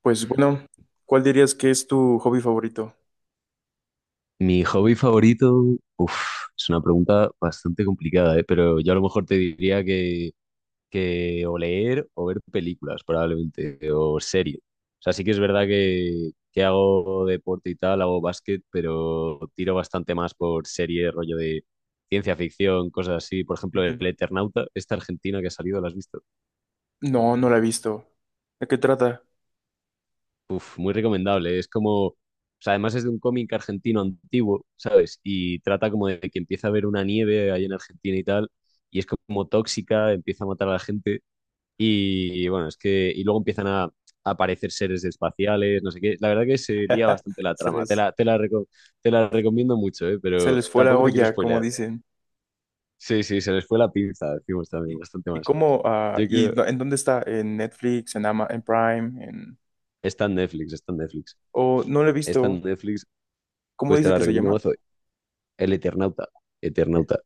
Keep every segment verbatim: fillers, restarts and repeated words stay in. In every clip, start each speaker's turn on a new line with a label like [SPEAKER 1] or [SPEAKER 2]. [SPEAKER 1] Pues bueno, ¿cuál dirías que es tu hobby favorito?
[SPEAKER 2] Mi hobby favorito, uf, es una pregunta bastante complicada, ¿eh? Pero yo a lo mejor te diría que, que o leer o ver películas, probablemente, o series. O sea, sí que es verdad que, que hago deporte y tal, hago básquet, pero tiro bastante más por series, rollo de ciencia ficción, cosas así. Por ejemplo, El
[SPEAKER 1] Entiendo.
[SPEAKER 2] Eternauta, esta argentina que ha salido, ¿la has visto?
[SPEAKER 1] No, no la he visto. ¿De qué trata?
[SPEAKER 2] Uf, muy recomendable. Es como, o sea, además es de un cómic argentino antiguo, ¿sabes? Y trata como de que empieza a haber una nieve ahí en Argentina y tal, y es como tóxica, empieza a matar a la gente, y bueno, es que, y luego empiezan a, a aparecer seres espaciales, no sé qué. La verdad que se lía bastante la
[SPEAKER 1] Se
[SPEAKER 2] trama. Te
[SPEAKER 1] les,
[SPEAKER 2] la, te la, reco- te la recomiendo mucho, ¿eh?
[SPEAKER 1] se
[SPEAKER 2] Pero
[SPEAKER 1] les fue la
[SPEAKER 2] tampoco te quiero
[SPEAKER 1] olla, como
[SPEAKER 2] spoilear.
[SPEAKER 1] dicen.
[SPEAKER 2] Sí, sí, se les fue la pinza, decimos también,
[SPEAKER 1] ¿Y,
[SPEAKER 2] bastante
[SPEAKER 1] y
[SPEAKER 2] más.
[SPEAKER 1] cómo, ah,
[SPEAKER 2] Yo
[SPEAKER 1] y
[SPEAKER 2] creo,
[SPEAKER 1] do- en dónde está? ¿En Netflix, en Ama, en Prime, en...
[SPEAKER 2] está en Netflix, está en Netflix.
[SPEAKER 1] o no lo he
[SPEAKER 2] Está en
[SPEAKER 1] visto?
[SPEAKER 2] Netflix,
[SPEAKER 1] ¿Cómo
[SPEAKER 2] pues te
[SPEAKER 1] dice
[SPEAKER 2] la
[SPEAKER 1] que se
[SPEAKER 2] recomiendo
[SPEAKER 1] llama?
[SPEAKER 2] mazo. El Eternauta. Eternauta.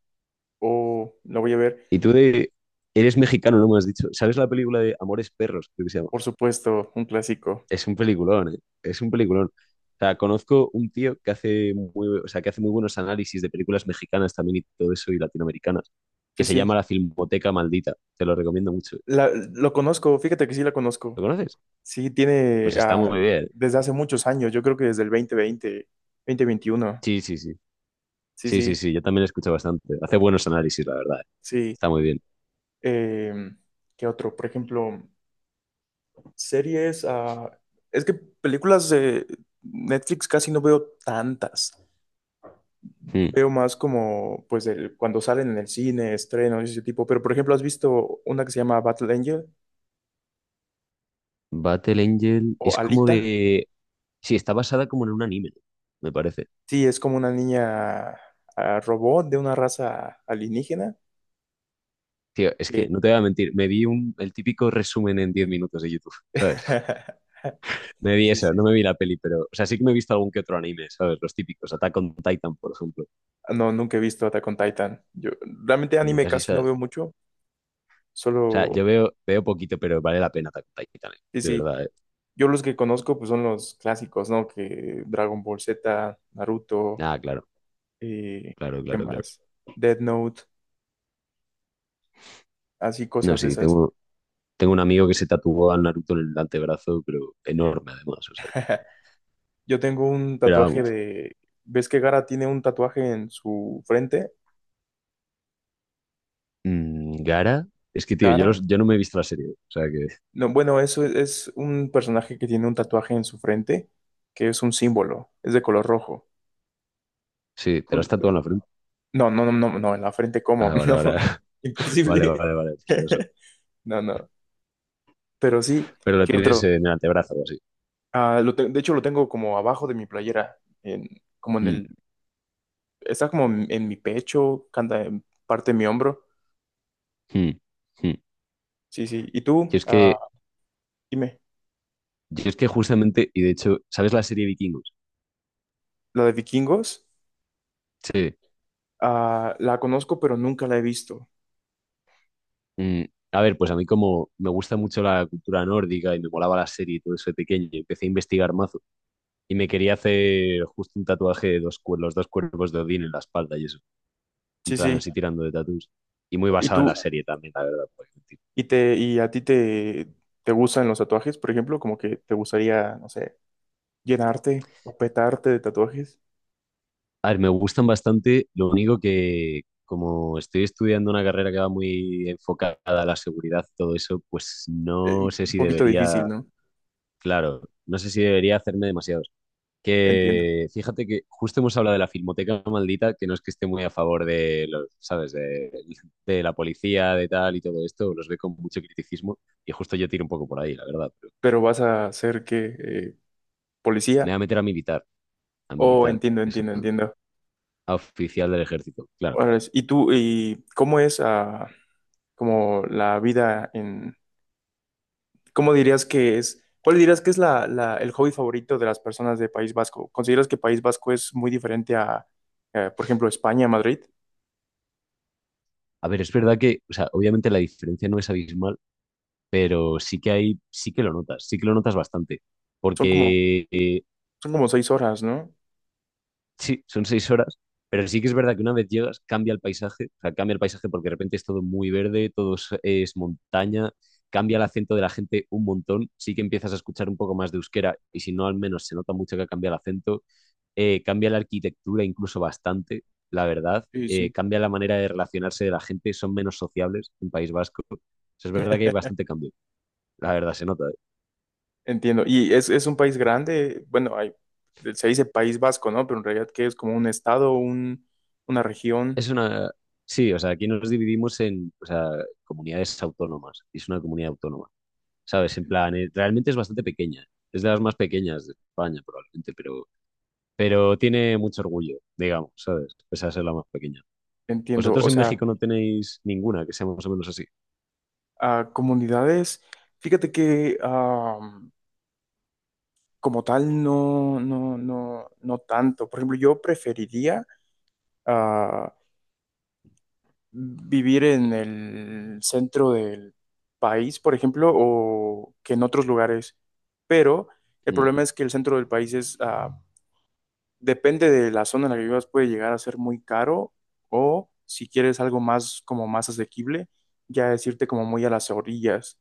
[SPEAKER 1] O la voy a ver,
[SPEAKER 2] Y tú de... Eres mexicano, no me has dicho. ¿Sabes la película de Amores Perros? Creo que se llama.
[SPEAKER 1] por supuesto, un clásico.
[SPEAKER 2] Es un peliculón, ¿eh? Es un peliculón. O sea, conozco un tío que hace muy, o sea, que hace muy buenos análisis de películas mexicanas también y todo eso y latinoamericanas, que
[SPEAKER 1] Sí,
[SPEAKER 2] se
[SPEAKER 1] sí,
[SPEAKER 2] llama La Filmoteca Maldita. Te lo recomiendo mucho.
[SPEAKER 1] la, lo conozco, fíjate que sí la
[SPEAKER 2] ¿Lo
[SPEAKER 1] conozco.
[SPEAKER 2] conoces?
[SPEAKER 1] Sí, tiene
[SPEAKER 2] Pues está
[SPEAKER 1] ah,
[SPEAKER 2] muy bien.
[SPEAKER 1] desde hace muchos años, yo creo que desde el dos mil veinte, dos mil veintiuno.
[SPEAKER 2] Sí, sí, sí.
[SPEAKER 1] Sí,
[SPEAKER 2] Sí, sí,
[SPEAKER 1] sí,
[SPEAKER 2] sí. Yo también lo escucho bastante. Hace buenos análisis, la verdad, ¿eh?
[SPEAKER 1] sí.
[SPEAKER 2] Está muy bien.
[SPEAKER 1] Em, ¿qué otro? Por ejemplo, series, ah, es que películas de Netflix casi no veo tantas.
[SPEAKER 2] Hmm.
[SPEAKER 1] Veo más como, pues, el- cuando salen en el cine, estrenos y ese tipo. Pero, por ejemplo, ¿has visto una que se llama Battle Angel
[SPEAKER 2] Battle Angel
[SPEAKER 1] o
[SPEAKER 2] es como
[SPEAKER 1] Alita?
[SPEAKER 2] de... Sí, está basada como en un anime, me parece.
[SPEAKER 1] Sí, es como una niña ah, robot de una raza alienígena
[SPEAKER 2] Tío, es
[SPEAKER 1] que...
[SPEAKER 2] que no te voy a mentir, me vi un, el típico resumen en diez minutos de YouTube, ¿sabes? Me vi
[SPEAKER 1] Sí,
[SPEAKER 2] eso,
[SPEAKER 1] sí.
[SPEAKER 2] no me vi la peli, pero, o sea, sí que me he visto algún que otro anime, ¿sabes? Los típicos, Attack on Titan, por ejemplo.
[SPEAKER 1] Ah, no, nunca he visto Attack on Titan. Yo realmente anime
[SPEAKER 2] Nunca has visto,
[SPEAKER 1] casi no
[SPEAKER 2] o
[SPEAKER 1] veo mucho.
[SPEAKER 2] sea, yo
[SPEAKER 1] Solo...
[SPEAKER 2] veo, veo poquito, pero vale la pena Attack on Titan, eh,
[SPEAKER 1] Sí,
[SPEAKER 2] de
[SPEAKER 1] sí.
[SPEAKER 2] verdad, ¿eh?
[SPEAKER 1] Yo los que conozco, pues, son los clásicos, ¿no? Que Dragon Ball Z, Naruto,
[SPEAKER 2] Ah, claro,
[SPEAKER 1] eh,
[SPEAKER 2] claro,
[SPEAKER 1] ¿qué
[SPEAKER 2] claro, claro.
[SPEAKER 1] más? Death Note, así
[SPEAKER 2] No,
[SPEAKER 1] cosas de
[SPEAKER 2] sí,
[SPEAKER 1] esas.
[SPEAKER 2] tengo, tengo un amigo que se tatuó a Naruto en el antebrazo, pero enorme además, o sea, que-
[SPEAKER 1] Yo tengo un
[SPEAKER 2] pero
[SPEAKER 1] tatuaje
[SPEAKER 2] vamos.
[SPEAKER 1] de... ¿Ves que Gara tiene un tatuaje en su frente?
[SPEAKER 2] Mm, Gara, es que, tío, yo,
[SPEAKER 1] Gara.
[SPEAKER 2] los- yo no me he visto la serie, o sea que,
[SPEAKER 1] No, bueno, eso es, es un personaje que tiene un tatuaje en su frente, que es un símbolo, es de color rojo.
[SPEAKER 2] sí, te lo has
[SPEAKER 1] Ju-
[SPEAKER 2] tatuado
[SPEAKER 1] ju-
[SPEAKER 2] en la frente.
[SPEAKER 1] No, no, no, no, no, en la frente, ¿cómo?
[SPEAKER 2] Ah, vale,
[SPEAKER 1] No, no,
[SPEAKER 2] vale, vale,
[SPEAKER 1] imposible.
[SPEAKER 2] vale, vale, pues eso,
[SPEAKER 1] No, no. Pero sí,
[SPEAKER 2] pero la
[SPEAKER 1] ¿qué
[SPEAKER 2] tienes
[SPEAKER 1] otro?
[SPEAKER 2] en el antebrazo o así.
[SPEAKER 1] Ah, lo te- de hecho, lo tengo como abajo de mi playera, en, como en
[SPEAKER 2] Mm,
[SPEAKER 1] el, está como en, en mi pecho, canta en parte de mi hombro.
[SPEAKER 2] mm, mm.
[SPEAKER 1] Sí, sí. ¿Y
[SPEAKER 2] Yo
[SPEAKER 1] tú?
[SPEAKER 2] es que,
[SPEAKER 1] Ah, dime,
[SPEAKER 2] yo es que justamente, y de hecho, ¿sabes la serie Vikingos?
[SPEAKER 1] ¿la de vikingos?
[SPEAKER 2] Sí.
[SPEAKER 1] Ah, la conozco, pero nunca la he visto.
[SPEAKER 2] Mm, a ver, pues a mí como me gusta mucho la cultura nórdica y me molaba la serie y todo eso de pequeño, y empecé a investigar mazo y me quería hacer justo un tatuaje de dos, cuer- los dos cuerpos de Odín en la espalda y eso, en
[SPEAKER 1] Sí,
[SPEAKER 2] plan
[SPEAKER 1] sí.
[SPEAKER 2] así tirando de tatuajes. Y muy
[SPEAKER 1] ¿Y
[SPEAKER 2] basado en
[SPEAKER 1] tú,
[SPEAKER 2] la serie también, la verdad, porque
[SPEAKER 1] y te, y a ti te, te gustan los tatuajes, por ejemplo? Como que te gustaría, no sé, llenarte o petarte de tatuajes.
[SPEAKER 2] a ver, me gustan bastante, lo único que como estoy estudiando una carrera que va muy enfocada a la seguridad y todo eso, pues
[SPEAKER 1] Eh,
[SPEAKER 2] no sé
[SPEAKER 1] un
[SPEAKER 2] si
[SPEAKER 1] poquito
[SPEAKER 2] debería,
[SPEAKER 1] difícil, ¿no?
[SPEAKER 2] claro, no sé si debería hacerme demasiados.
[SPEAKER 1] Entiendo.
[SPEAKER 2] Que fíjate que justo hemos hablado de la Filmoteca Maldita, que no es que esté muy a favor de los, ¿sabes? De, de la policía, de tal y todo esto, los ve con mucho criticismo y justo yo tiro un poco por ahí, la verdad, pero
[SPEAKER 1] Pero vas a ser que eh,
[SPEAKER 2] me voy
[SPEAKER 1] policía.
[SPEAKER 2] a meter a militar, a
[SPEAKER 1] Oh,
[SPEAKER 2] militar,
[SPEAKER 1] entiendo, entiendo,
[SPEAKER 2] exactamente,
[SPEAKER 1] entiendo.
[SPEAKER 2] a oficial del ejército, claro.
[SPEAKER 1] Órale. ¿Y tú, y cómo es ah, como la vida en ¿Cómo dirías que es? ¿Cuál dirías que es la, la- el hobby favorito de las personas de País Vasco? ¿Consideras que País Vasco es muy diferente a, eh, por ejemplo, España, Madrid?
[SPEAKER 2] A ver, es verdad que, o sea, obviamente la diferencia no es abismal, pero sí que hay, sí que lo notas, sí que lo notas bastante,
[SPEAKER 1] Son como,
[SPEAKER 2] porque eh,
[SPEAKER 1] son como seis horas, ¿no?
[SPEAKER 2] sí, son seis horas, pero sí que es verdad que una vez llegas cambia el paisaje, o sea, cambia el paisaje porque de repente es todo muy verde, todo es, es montaña, cambia el acento de la gente un montón, sí que empiezas a escuchar un poco más de euskera y si no al menos se nota mucho que cambia el acento, eh, cambia la arquitectura incluso bastante, la verdad,
[SPEAKER 1] Sí,
[SPEAKER 2] eh,
[SPEAKER 1] sí.
[SPEAKER 2] cambia la manera de relacionarse de la gente, son menos sociables en País Vasco. O sea, es verdad que hay bastante cambio, la verdad se nota, ¿eh?
[SPEAKER 1] Entiendo. Y es, es un país grande, bueno, hay, se dice País Vasco, ¿no? Pero en realidad que es como un estado, un, una región,
[SPEAKER 2] Es una... Sí, o sea, aquí nos dividimos en, o sea, comunidades autónomas, y es una comunidad autónoma, ¿sabes? En plan, eh, realmente es bastante pequeña. Es de las más pequeñas de España, probablemente, pero, pero tiene mucho orgullo, digamos, ¿sabes? Pese a ser la más pequeña.
[SPEAKER 1] entiendo.
[SPEAKER 2] Vosotros
[SPEAKER 1] O
[SPEAKER 2] en
[SPEAKER 1] sea,
[SPEAKER 2] México no tenéis ninguna que sea más o menos así.
[SPEAKER 1] a comunidades, fíjate que ah, como tal, no, no, no, no tanto. Por ejemplo, yo preferiría... ah, vivir en el centro del país, por ejemplo, o que en otros lugares. Pero el
[SPEAKER 2] Mm,
[SPEAKER 1] problema es que el centro del país es, ah, depende de la zona en la que vivas, puede llegar a ser muy caro o si quieres algo más como más asequible, ya es irte como muy a las orillas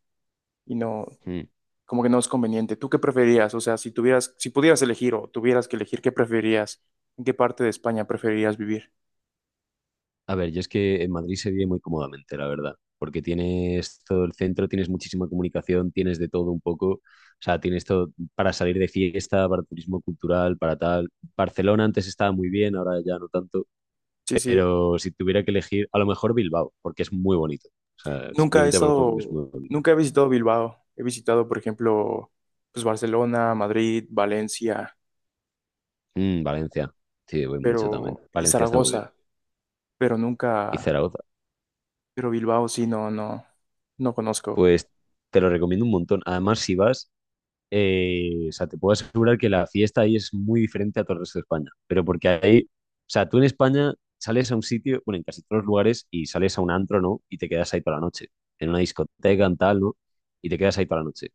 [SPEAKER 1] y no,
[SPEAKER 2] mm.
[SPEAKER 1] como que no es conveniente. ¿Tú qué preferías? O sea, si tuvieras, si pudieras elegir o tuvieras que elegir, ¿qué preferías? ¿En qué parte de España preferirías vivir?
[SPEAKER 2] A ver, yo es que en Madrid se vive muy cómodamente, la verdad, porque tienes todo el centro, tienes muchísima comunicación, tienes de todo un poco. O sea, tienes todo para salir de fiesta, para turismo cultural, para tal. Barcelona antes estaba muy bien, ahora ya no tanto.
[SPEAKER 1] Sí, sí.
[SPEAKER 2] Pero si tuviera que elegir, a lo mejor Bilbao, porque es muy bonito. O sea,
[SPEAKER 1] Nunca he
[SPEAKER 2] simplemente a lo mejor porque es muy
[SPEAKER 1] estado,
[SPEAKER 2] bonito.
[SPEAKER 1] nunca he visitado Bilbao. He visitado, por ejemplo, pues Barcelona, Madrid, Valencia,
[SPEAKER 2] Mm, Valencia, sí, voy mucho también.
[SPEAKER 1] pero y
[SPEAKER 2] Valencia está muy bien.
[SPEAKER 1] Zaragoza, pero
[SPEAKER 2] Y
[SPEAKER 1] nunca,
[SPEAKER 2] Zaragoza,
[SPEAKER 1] pero Bilbao sí, no, no, no conozco.
[SPEAKER 2] pues te lo recomiendo un montón. Además, si vas, eh, o sea, te puedo asegurar que la fiesta ahí es muy diferente a todo el resto de España. Pero porque ahí, o sea, tú en España sales a un sitio, bueno, en casi todos los lugares, y sales a un antro, ¿no? Y te quedas ahí toda la noche. En una discoteca, en tal, ¿no? Y te quedas ahí toda la noche.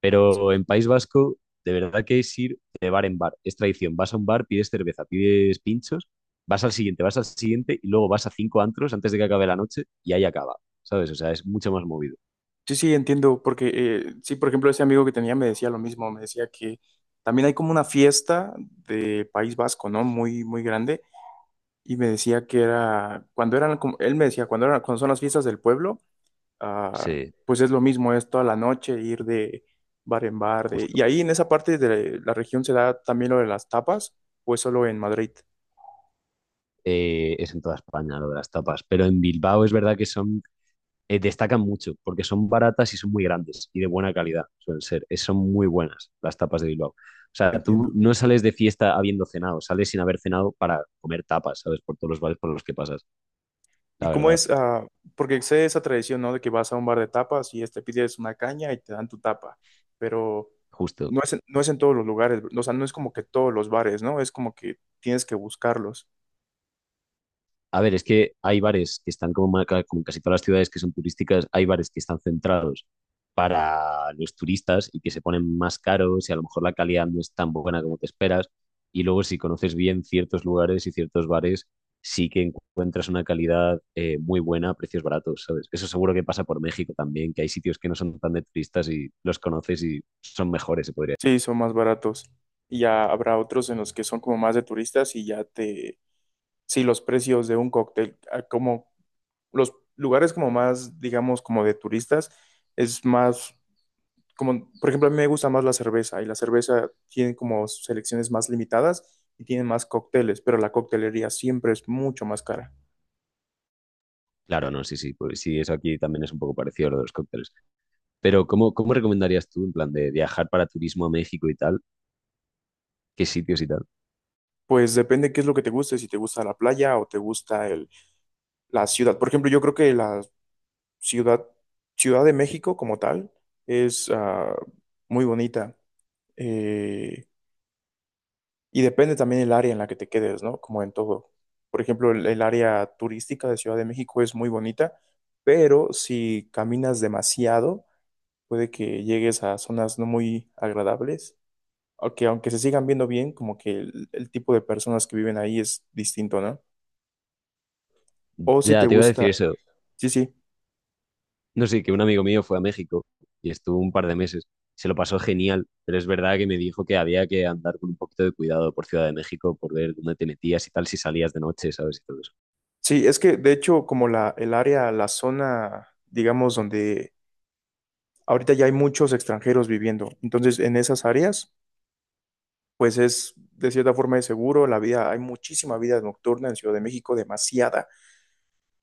[SPEAKER 2] Pero en País Vasco, de verdad que es ir de bar en bar. Es tradición. Vas a un bar, pides cerveza, pides pinchos, vas al siguiente, vas al siguiente y luego vas a cinco antros antes de que acabe la noche y ahí acaba. ¿Sabes? O sea, es mucho más movido.
[SPEAKER 1] Sí, sí, entiendo, porque eh, sí, por ejemplo, ese amigo que tenía me decía lo mismo, me decía que también hay como una fiesta de País Vasco, ¿no? Muy, muy grande, y me decía que era, cuando eran, como- él me decía, cuando eran, cuando son las fiestas del pueblo, ah,
[SPEAKER 2] Sí,
[SPEAKER 1] pues es lo mismo, es toda la noche ir de bar en bar. De-
[SPEAKER 2] justo.
[SPEAKER 1] y ahí en esa parte de la región se da también lo de las tapas, o es solo en Madrid,
[SPEAKER 2] Eh, es en toda España lo de las tapas, pero en Bilbao es verdad que son, eh, destacan mucho porque son baratas y son muy grandes y de buena calidad, suelen ser. Es- son muy buenas las tapas de Bilbao. O sea, tú
[SPEAKER 1] entiendo.
[SPEAKER 2] no sales de fiesta habiendo cenado, sales sin haber cenado para comer tapas, ¿sabes? Por todos los bares por los que pasas.
[SPEAKER 1] ¿Y
[SPEAKER 2] La
[SPEAKER 1] cómo
[SPEAKER 2] verdad,
[SPEAKER 1] es? Ah, porque sé esa tradición, ¿no? De que vas a un bar de tapas y este, pides una caña y te dan tu tapa, pero
[SPEAKER 2] justo.
[SPEAKER 1] no es, en- no es en todos los lugares, o sea, no es como que todos los bares, ¿no? Es como que tienes que buscarlos.
[SPEAKER 2] A ver, es que hay bares que están como, ma- ca- como casi todas las ciudades que son turísticas, hay bares que están centrados para los turistas y que se ponen más caros y a lo mejor la calidad no es tan buena como te esperas. Y luego si conoces bien ciertos lugares y ciertos bares, sí que encuentras una calidad eh, muy buena a precios baratos, ¿sabes? Eso seguro que pasa por México también, que hay sitios que no son tan de turistas y los conoces y son mejores, se podría decir.
[SPEAKER 1] Sí, son más baratos. Y ya habrá otros en los que son como más de turistas y ya te sí, los precios de un cóctel, ah, como los lugares como más, digamos, como de turistas, es más, como, por ejemplo, a mí me gusta más la cerveza y la cerveza tiene como selecciones más limitadas y tiene más cócteles, pero la coctelería siempre es mucho más cara.
[SPEAKER 2] Claro, no, sí, sí, pues sí, eso aquí también es un poco parecido a lo de los cócteles. Pero ¿cómo, cómo recomendarías tú, en plan, de viajar para turismo a México y tal? ¿Qué sitios y tal?
[SPEAKER 1] Pues depende qué es lo que te guste, si te gusta la playa o te gusta el, la ciudad. Por ejemplo, yo creo que la ciudad, Ciudad de México como tal, es ah, muy bonita. Eh, Y depende también el área en la que te quedes, ¿no? Como en todo. Por ejemplo, el, el área turística de Ciudad de México es muy bonita, pero si caminas demasiado, puede que llegues a zonas no muy agradables, aunque aunque se sigan viendo bien, como que el, el tipo de personas que viven ahí es distinto, ¿no? O si te
[SPEAKER 2] Ya, te iba a decir
[SPEAKER 1] gusta,
[SPEAKER 2] eso.
[SPEAKER 1] sí, sí,
[SPEAKER 2] No sé, que un amigo mío fue a México y estuvo un par de meses. Se lo pasó genial, pero es verdad que me dijo que había que andar con un poquito de cuidado por Ciudad de México, por ver dónde te metías y tal, si salías de noche, ¿sabes? Y todo eso.
[SPEAKER 1] sí, es que de hecho como la, el área, la zona, digamos, donde ahorita ya hay muchos extranjeros viviendo, entonces en esas áreas pues es de cierta forma de seguro. La vida, hay muchísima vida nocturna en Ciudad de México, demasiada,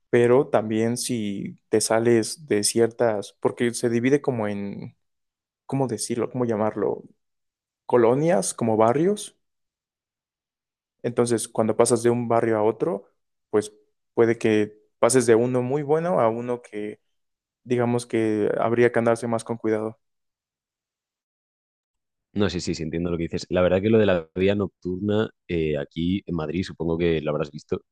[SPEAKER 1] pero también si te sales de ciertas, porque se divide como en, ¿cómo decirlo? ¿Cómo llamarlo? Colonias, como barrios. Entonces, cuando pasas de un barrio a otro, pues puede que pases de uno muy bueno a uno que, digamos que habría que andarse más con cuidado.
[SPEAKER 2] No, sí, sí, sí, entiendo lo que dices. La verdad que lo de la vida nocturna, eh, aquí en Madrid, supongo que lo habrás visto. O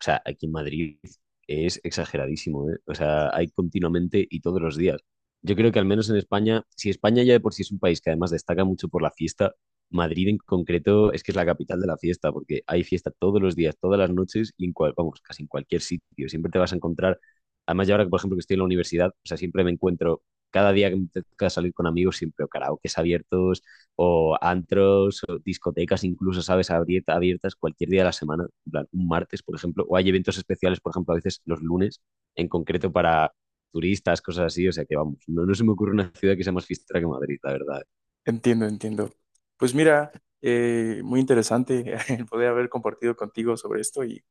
[SPEAKER 2] sea, aquí en Madrid es exageradísimo, ¿eh? O sea, hay continuamente y todos los días. Yo creo que al menos en España, si España ya de por sí es un país que además destaca mucho por la fiesta, Madrid en concreto es que es la capital de la fiesta, porque hay fiesta todos los días, todas las noches y en cual, vamos, casi en cualquier sitio. Siempre te vas a encontrar, además yo ahora que por ejemplo que estoy en la universidad, o sea, siempre me encuentro, cada día que me toca salir con amigos, siempre o karaokes abiertos, o antros, o discotecas incluso, ¿sabes? Abierta, abiertas cualquier día de la semana, en plan, un martes, por ejemplo, o hay eventos especiales, por ejemplo, a veces los lunes, en concreto para turistas, cosas así, o sea que vamos, no, no se me ocurre una ciudad que sea más fiestera que Madrid, la verdad.
[SPEAKER 1] Entiendo, entiendo. Pues mira, eh, muy interesante el poder haber compartido contigo sobre esto y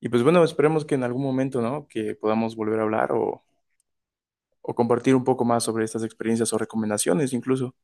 [SPEAKER 1] Y pues bueno, esperemos que en algún momento, ¿no? Que podamos volver a hablar o, o compartir un poco más sobre estas experiencias o recomendaciones incluso.